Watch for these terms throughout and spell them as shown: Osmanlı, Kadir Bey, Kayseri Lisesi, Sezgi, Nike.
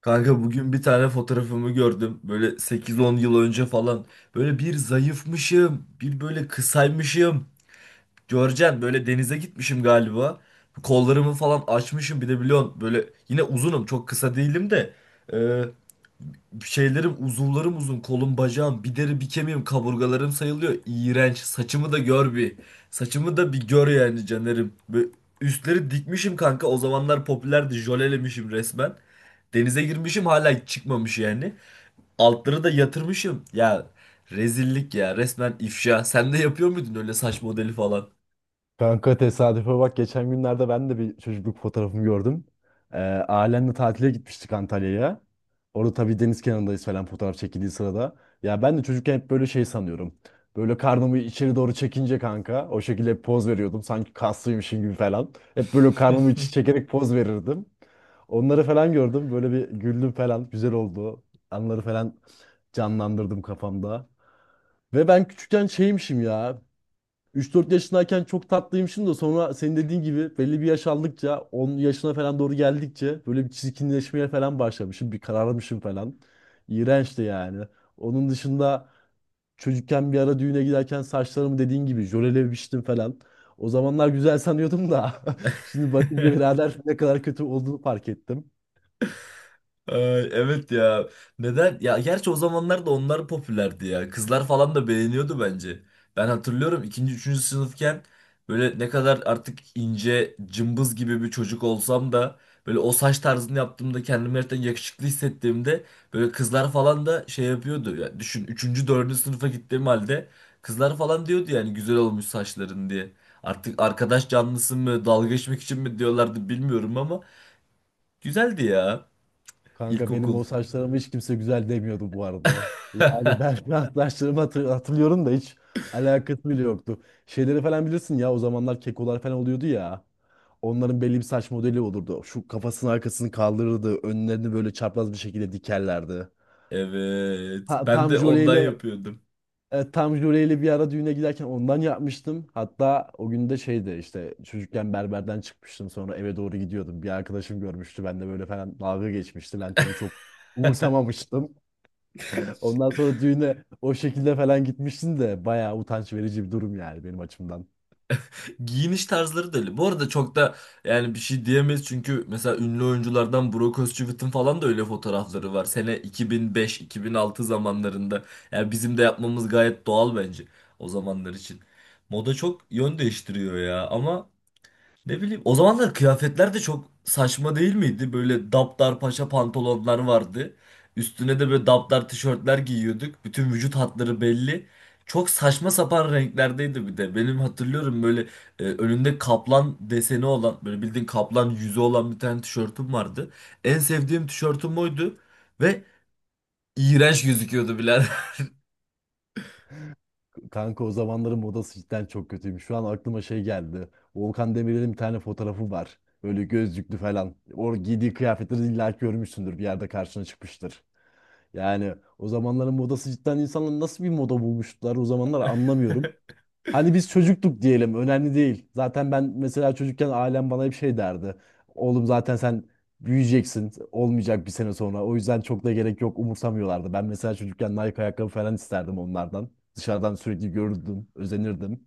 Kanka bugün bir tane fotoğrafımı gördüm. Böyle sekiz on yıl önce falan. Böyle bir zayıfmışım. Bir böyle kısaymışım. Görcen böyle denize gitmişim galiba. Kollarımı falan açmışım bir de biliyorsun. Böyle yine uzunum, çok kısa değilim de. Ee, şeylerim, uzuvlarım uzun, kolum bacağım bir deri bir kemiğim, kaburgalarım sayılıyor, iğrenç. Saçımı da gör bir, saçımı da bir gör yani canerim. Böyle üstleri dikmişim kanka, o zamanlar popülerdi, jölelemişim resmen. Denize girmişim, hala çıkmamış yani. Altları da yatırmışım ya, rezillik ya, resmen ifşa. Sen de yapıyor muydun öyle saç modeli falan? Kanka tesadüfe bak geçen günlerde ben de bir çocukluk fotoğrafımı gördüm. Ee, ailemle tatile gitmiştik Antalya'ya. Orada tabii deniz kenarındayız falan fotoğraf çekildiği sırada. Ya ben de çocukken hep böyle şey sanıyorum. Böyle karnımı içeri doğru çekince kanka o şekilde hep poz veriyordum. Sanki kaslıymışım gibi falan. Hep böyle karnımı içi çekerek poz verirdim. Onları falan gördüm. Böyle bir güldüm falan. Güzel oldu. Anları falan canlandırdım kafamda. Ve ben küçükken şeymişim ya. 3-4 yaşındayken çok tatlıymışım da sonra senin dediğin gibi belli bir yaş aldıkça 10 yaşına falan doğru geldikçe böyle bir çirkinleşmeye falan başlamışım. Bir kararmışım falan. İğrençti yani. Onun dışında çocukken bir ara düğüne giderken saçlarımı dediğin gibi jölelemiştim falan. O zamanlar güzel sanıyordum da şimdi bakınca birader ne kadar kötü olduğunu fark ettim. Ay, evet ya. Neden? Ya gerçi o zamanlar da onlar popülerdi ya. Kızlar falan da beğeniyordu bence. Ben hatırlıyorum, ikinci, üçüncü sınıfken böyle ne kadar artık ince, cımbız gibi bir çocuk olsam da böyle o saç tarzını yaptığımda, kendimi gerçekten yakışıklı hissettiğimde, böyle kızlar falan da şey yapıyordu. Ya düşün, üçüncü, dördüncü sınıfa gittiğim halde kızlar falan diyordu yani güzel olmuş saçların diye. Artık arkadaş canlısı mı, dalga geçmek için mi diyorlardı bilmiyorum ama güzeldi ya, Kanka benim ilkokul. o saçlarımı hiç kimse güzel demiyordu bu arada. Yani ben saçlarımı hatırlıyorum da hiç alakası bile yoktu. Şeyleri falan bilirsin ya o zamanlar kekolar falan oluyordu ya. Onların belli bir saç modeli olurdu. Şu kafasının arkasını kaldırırdı. Önlerini böyle çapraz bir şekilde dikerlerdi. Evet. Ha, Ben tam de ondan jöleyle yapıyordum. Evet, tam Jule'yle bir ara düğüne giderken ondan yapmıştım. Hatta o gün de şeydi işte çocukken berberden çıkmıştım sonra eve doğru gidiyordum. Bir arkadaşım görmüştü ben de böyle falan dalga geçmişti. Ben tabii çok umursamamıştım. Ondan sonra düğüne o şekilde falan gitmiştim de bayağı utanç verici bir durum yani benim açımdan. Giyiniş tarzları da öyle. Bu arada çok da, yani bir şey diyemeyiz çünkü mesela ünlü oyunculardan Brock Özçivit'in falan da öyle fotoğrafları var. Sene 2005-2006 zamanlarında. Yani bizim de yapmamız gayet doğal bence o zamanlar için. Moda çok yön değiştiriyor ya. Ama ne bileyim, o zamanlar kıyafetler de çok saçma değil miydi? Böyle daptar paşa pantolonlar vardı. Üstüne de böyle daptar tişörtler giyiyorduk. Bütün vücut hatları belli. Çok saçma sapan renklerdeydi bir de. Benim hatırlıyorum, böyle önünde kaplan deseni olan, böyle bildiğin kaplan yüzü olan bir tane tişörtüm vardı. En sevdiğim tişörtüm oydu ve iğrenç gözüküyordu birader. Kanka o zamanların modası cidden çok kötüymüş. Şu an aklıma şey geldi. Volkan Demirel'in bir tane fotoğrafı var. Böyle gözlüklü falan. O giydiği kıyafetleri illa ki görmüşsündür bir yerde karşına çıkmıştır. Yani o zamanların modası cidden insanlar nasıl bir moda bulmuşlar o zamanlar anlamıyorum. Hani biz çocukluk diyelim önemli değil. Zaten ben mesela çocukken ailem bana hep şey derdi. Oğlum zaten sen büyüyeceksin olmayacak bir sene sonra. O yüzden çok da gerek yok umursamıyorlardı. Ben mesela çocukken Nike ayakkabı falan isterdim onlardan. Dışarıdan sürekli görürdüm, özenirdim.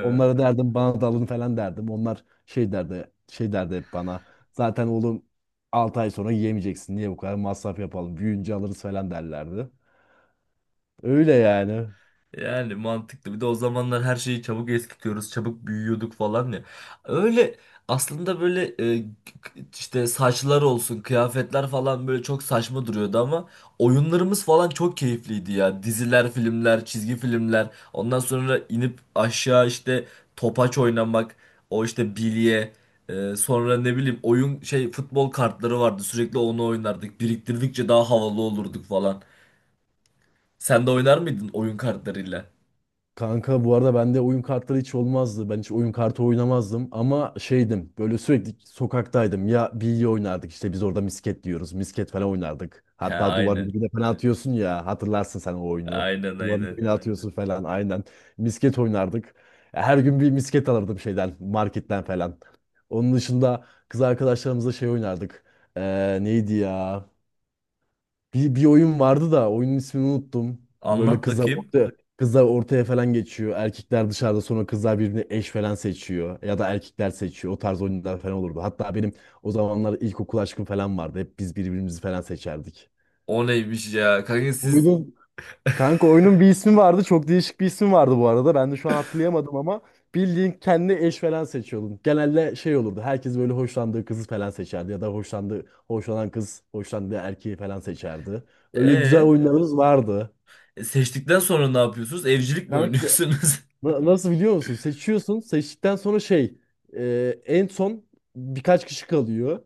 Onlara derdim bana da alın falan derdim. Onlar şey derdi, şey derdi hep bana. Zaten oğlum 6 ay sonra yiyemeyeceksin. Niye bu kadar masraf yapalım? Büyüyünce alırız falan derlerdi. Öyle yani. Yani mantıklı. Bir de o zamanlar her şeyi çabuk eskitiyoruz, çabuk büyüyorduk falan ya. Öyle aslında böyle, işte saçlar olsun, kıyafetler falan böyle çok saçma duruyordu ama oyunlarımız falan çok keyifliydi ya. Diziler, filmler, çizgi filmler. Ondan sonra inip aşağı işte topaç oynamak, o işte bilye. Sonra ne bileyim, oyun şey, futbol kartları vardı. Sürekli onu oynardık. Biriktirdikçe daha havalı olurduk falan. Sen de oynar mıydın oyun kartlarıyla? Kanka bu arada bende oyun kartları hiç olmazdı. Ben hiç oyun kartı oynamazdım ama şeydim böyle sürekli sokaktaydım. Ya bilye oynardık işte biz orada misket diyoruz. Misket falan oynardık. He, Hatta duvarın aynen. dibine falan atıyorsun ya hatırlarsın sen o oyunu. Aynen, Duvarın aynen. dibine atıyorsun falan aynen. Misket oynardık. Her gün bir misket alırdım şeyden marketten falan. Onun dışında kız arkadaşlarımızla şey oynardık. Neydi ya? Bir oyun vardı da oyunun ismini unuttum. Böyle Anlat bakayım. Kızlar ortaya falan geçiyor. Erkekler dışarıda sonra kızlar birbirini eş falan seçiyor. Ya da erkekler seçiyor. O tarz oyunlar falan olurdu. Hatta benim o zamanlar ilkokul aşkım falan vardı. Hep biz birbirimizi falan seçerdik. O neymiş ya? Kanka siz, Oyunun Kanka oyunun bir ismi vardı. Çok değişik bir ismi vardı bu arada. Ben de şu an hatırlayamadım ama bildiğin kendi eş falan seçiyordun. Genelde şey olurdu. Herkes böyle hoşlandığı kızı falan seçerdi ya da hoşlandığı hoşlanan kız hoşlandığı erkeği falan seçerdi. Öyle güzel ee, oyunlarımız vardı. Seçtikten sonra ne yapıyorsunuz? Evcilik mi Kanka oynuyorsunuz? nasıl biliyor musun? Seçiyorsun. Seçtikten sonra en son birkaç kişi kalıyor.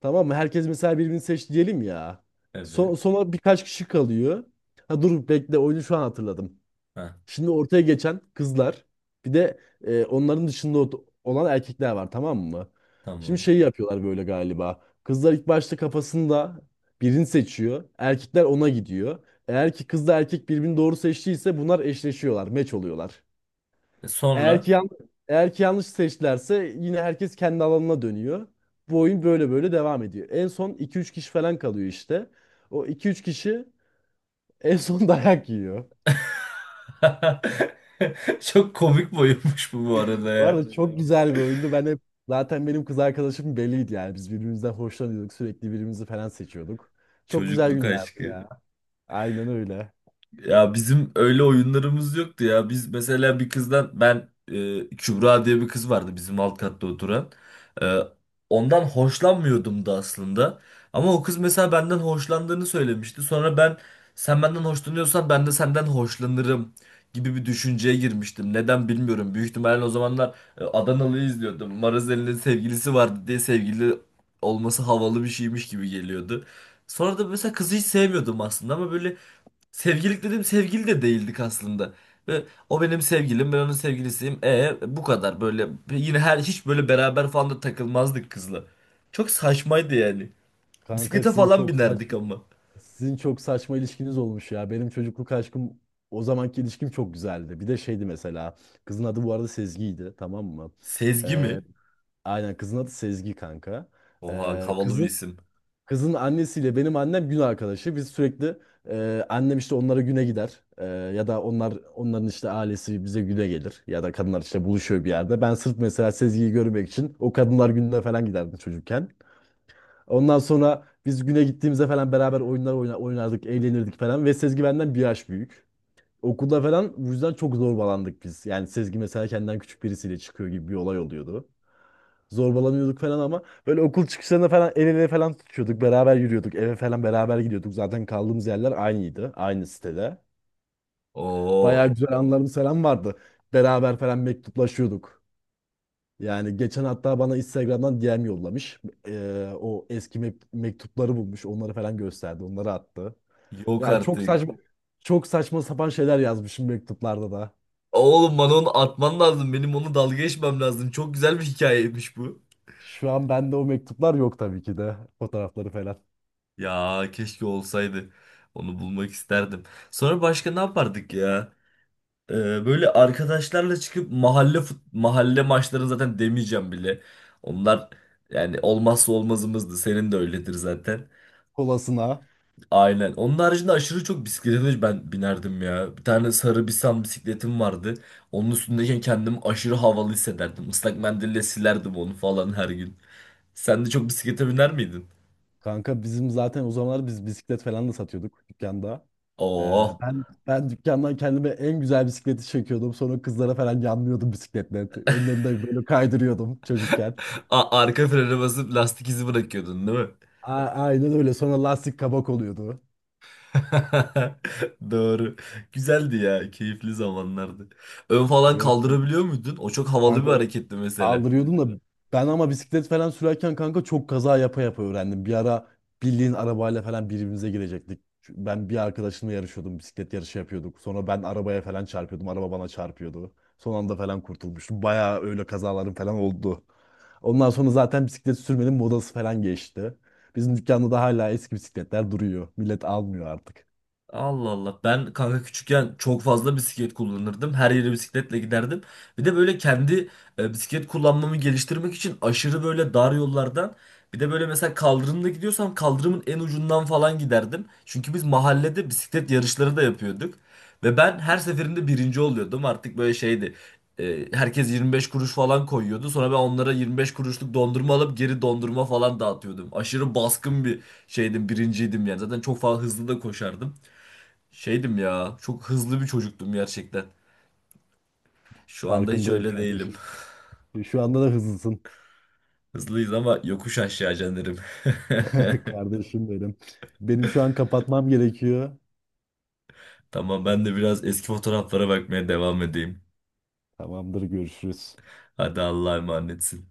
Tamam mı? Herkes mesela birbirini seç diyelim ya. Son, Evet. sonra birkaç kişi kalıyor. Ha dur bekle oyunu şu an hatırladım. Ha, Şimdi ortaya geçen kızlar bir de onların dışında olan erkekler var tamam mı? Şimdi tamam. şey yapıyorlar böyle galiba. Kızlar ilk başta kafasında birini seçiyor. Erkekler ona gidiyor. Eğer ki kızla erkek birbirini doğru seçtiyse bunlar eşleşiyorlar, meç oluyorlar. E, Eğer ki sonra? Yanlış seçtilerse yine herkes kendi alanına dönüyor. Bu oyun böyle böyle devam ediyor. En son iki üç kişi falan kalıyor işte. O iki üç kişi en son dayak yiyor. Çok komik boyunmuş bu, bu arada Bu arada ya. öyle çok diyorlar, güzel bir oyundu. Ben hep zaten benim kız arkadaşım belliydi yani. Biz birbirimizden hoşlanıyorduk. Sürekli birbirimizi falan seçiyorduk. Çok güzel Çocukluk günlerdi aşkı. ya. Aynen öyle. Ya bizim öyle oyunlarımız yoktu ya. Biz mesela bir kızdan, ben Kübra diye bir kız vardı bizim alt katta oturan. E, Ondan hoşlanmıyordum da aslında. Ama o kız mesela benden hoşlandığını söylemişti. Sonra ben, sen benden hoşlanıyorsan ben de senden hoşlanırım gibi bir düşünceye girmiştim. Neden bilmiyorum. Büyük ihtimalle o zamanlar Adanalı'yı izliyordum. Marazeli'nin sevgilisi vardı diye, sevgili olması havalı bir şeymiş gibi geliyordu. Sonra da mesela kızı hiç sevmiyordum aslında ama böyle sevgililik dedim, sevgili de değildik aslında. Ve o benim sevgilim, ben onun sevgilisiyim. E bu kadar, böyle yine her, hiç böyle beraber falan da takılmazdık kızla. Çok saçmaydı yani. Kanka Bisiklete falan binerdik ama. sizin çok saçma ilişkiniz olmuş ya. Benim çocukluk aşkım o zamanki ilişkim çok güzeldi. Bir de şeydi mesela. Kızın adı bu arada Sezgi'ydi, tamam mı? Sezgi Ee, mi? aynen kızın adı Sezgi kanka. Oha, Ee, havalı bir kızın isim. Kızın annesiyle benim annem gün arkadaşı. Biz sürekli annem işte onlara güne gider. Ya da onların işte ailesi bize güne gelir. Ya da kadınlar işte buluşuyor bir yerde. Ben sırf mesela Sezgi'yi görmek için o kadınlar gününe falan giderdim çocukken. Ondan sonra biz güne gittiğimizde falan beraber oyunlar oynardık, eğlenirdik falan. Ve Sezgi benden bir yaş büyük. Okulda falan bu yüzden çok zorbalandık biz. Yani Sezgi mesela kendinden küçük birisiyle çıkıyor gibi bir olay oluyordu. Zorbalanıyorduk falan ama böyle okul çıkışlarında falan el ele falan tutuyorduk. Beraber yürüyorduk. Eve falan beraber gidiyorduk. Zaten kaldığımız yerler aynıydı. Aynı sitede. Bayağı Oo, güzel anılarımız falan vardı. Beraber falan mektuplaşıyorduk. Yani geçen hatta bana Instagram'dan DM yollamış. O eski mektupları bulmuş. Onları falan gösterdi. Onları attı. yok Yani çok artık. saçma çok saçma sapan şeyler yazmışım mektuplarda da. Oğlum, bana onu atman lazım. Benim onu dalga geçmem lazım. Çok güzel bir hikayeymiş bu. Şu an bende o mektuplar yok tabii ki de. Fotoğrafları falan. Ya keşke olsaydı. Onu bulmak isterdim. Sonra başka ne yapardık ya? Ee, böyle arkadaşlarla çıkıp mahalle mahalle maçlarını zaten demeyeceğim bile. Onlar yani olmazsa olmazımızdı. Senin de öyledir zaten. Kolasına. Aynen. Onun haricinde aşırı çok bisiklete ben binerdim ya. Bir tane sarı Bisan bisikletim vardı. Onun üstündeyken kendimi aşırı havalı hissederdim. Islak mendille silerdim onu falan her gün. Sen de çok bisiklete biner miydin? Kanka bizim zaten o zamanlar biz bisiklet falan da satıyorduk dükkanda. Ee, Oo. ben dükkandan kendime en güzel bisikleti çekiyordum. Sonra kızlara falan yanlıyordum bisikletle. Önlerinde böyle kaydırıyordum çocukken. A- arka frene basıp lastik izi bırakıyordun, değil mi? Aynen öyle. Sonra lastik kabak oluyordu. Doğru. Güzeldi ya. Keyifli zamanlardı. Ön falan Evet. kaldırabiliyor muydun? O çok havalı bir Kanka ö- hareketti mesela. Kaldırıyordum da ben ama bisiklet falan sürerken kanka çok kaza yapa yapa öğrendim. Bir ara bildiğin arabayla falan birbirimize girecektik. Ben bir arkadaşımla yarışıyordum. Bisiklet yarışı yapıyorduk. Sonra ben arabaya falan çarpıyordum. Araba bana çarpıyordu. Son anda falan kurtulmuştum. Bayağı öyle kazalarım falan oldu. Ondan sonra zaten bisiklet sürmenin modası falan geçti. Bizim dükkanda da hala eski bisikletler duruyor. Millet almıyor artık. Allah Allah. Ben kanka küçükken çok fazla bisiklet kullanırdım. Her yere bisikletle giderdim. Bir de böyle kendi bisiklet kullanmamı geliştirmek için aşırı böyle dar yollardan, bir de böyle mesela kaldırımda gidiyorsam kaldırımın en ucundan falan giderdim. Çünkü biz mahallede bisiklet yarışları da yapıyorduk. Ve ben her seferinde birinci oluyordum. Artık böyle şeydi. Herkes 25 kuruş falan koyuyordu. Sonra ben onlara 25 kuruşluk dondurma alıp geri dondurma falan dağıtıyordum. Aşırı baskın bir şeydim, birinciydim yani. Zaten çok fazla hızlı da koşardım. Şeydim ya, çok hızlı bir çocuktum gerçekten. Şu anda hiç Farkındayım öyle değilim. kardeşim. Şu anda da hızlısın. Hızlıyız ama yokuş aşağı canlarım. Kardeşim benim. Benim şu an kapatmam gerekiyor. Tamam, ben de biraz eski fotoğraflara bakmaya devam edeyim. Tamamdır, görüşürüz. Hadi Allah'a emanetsin.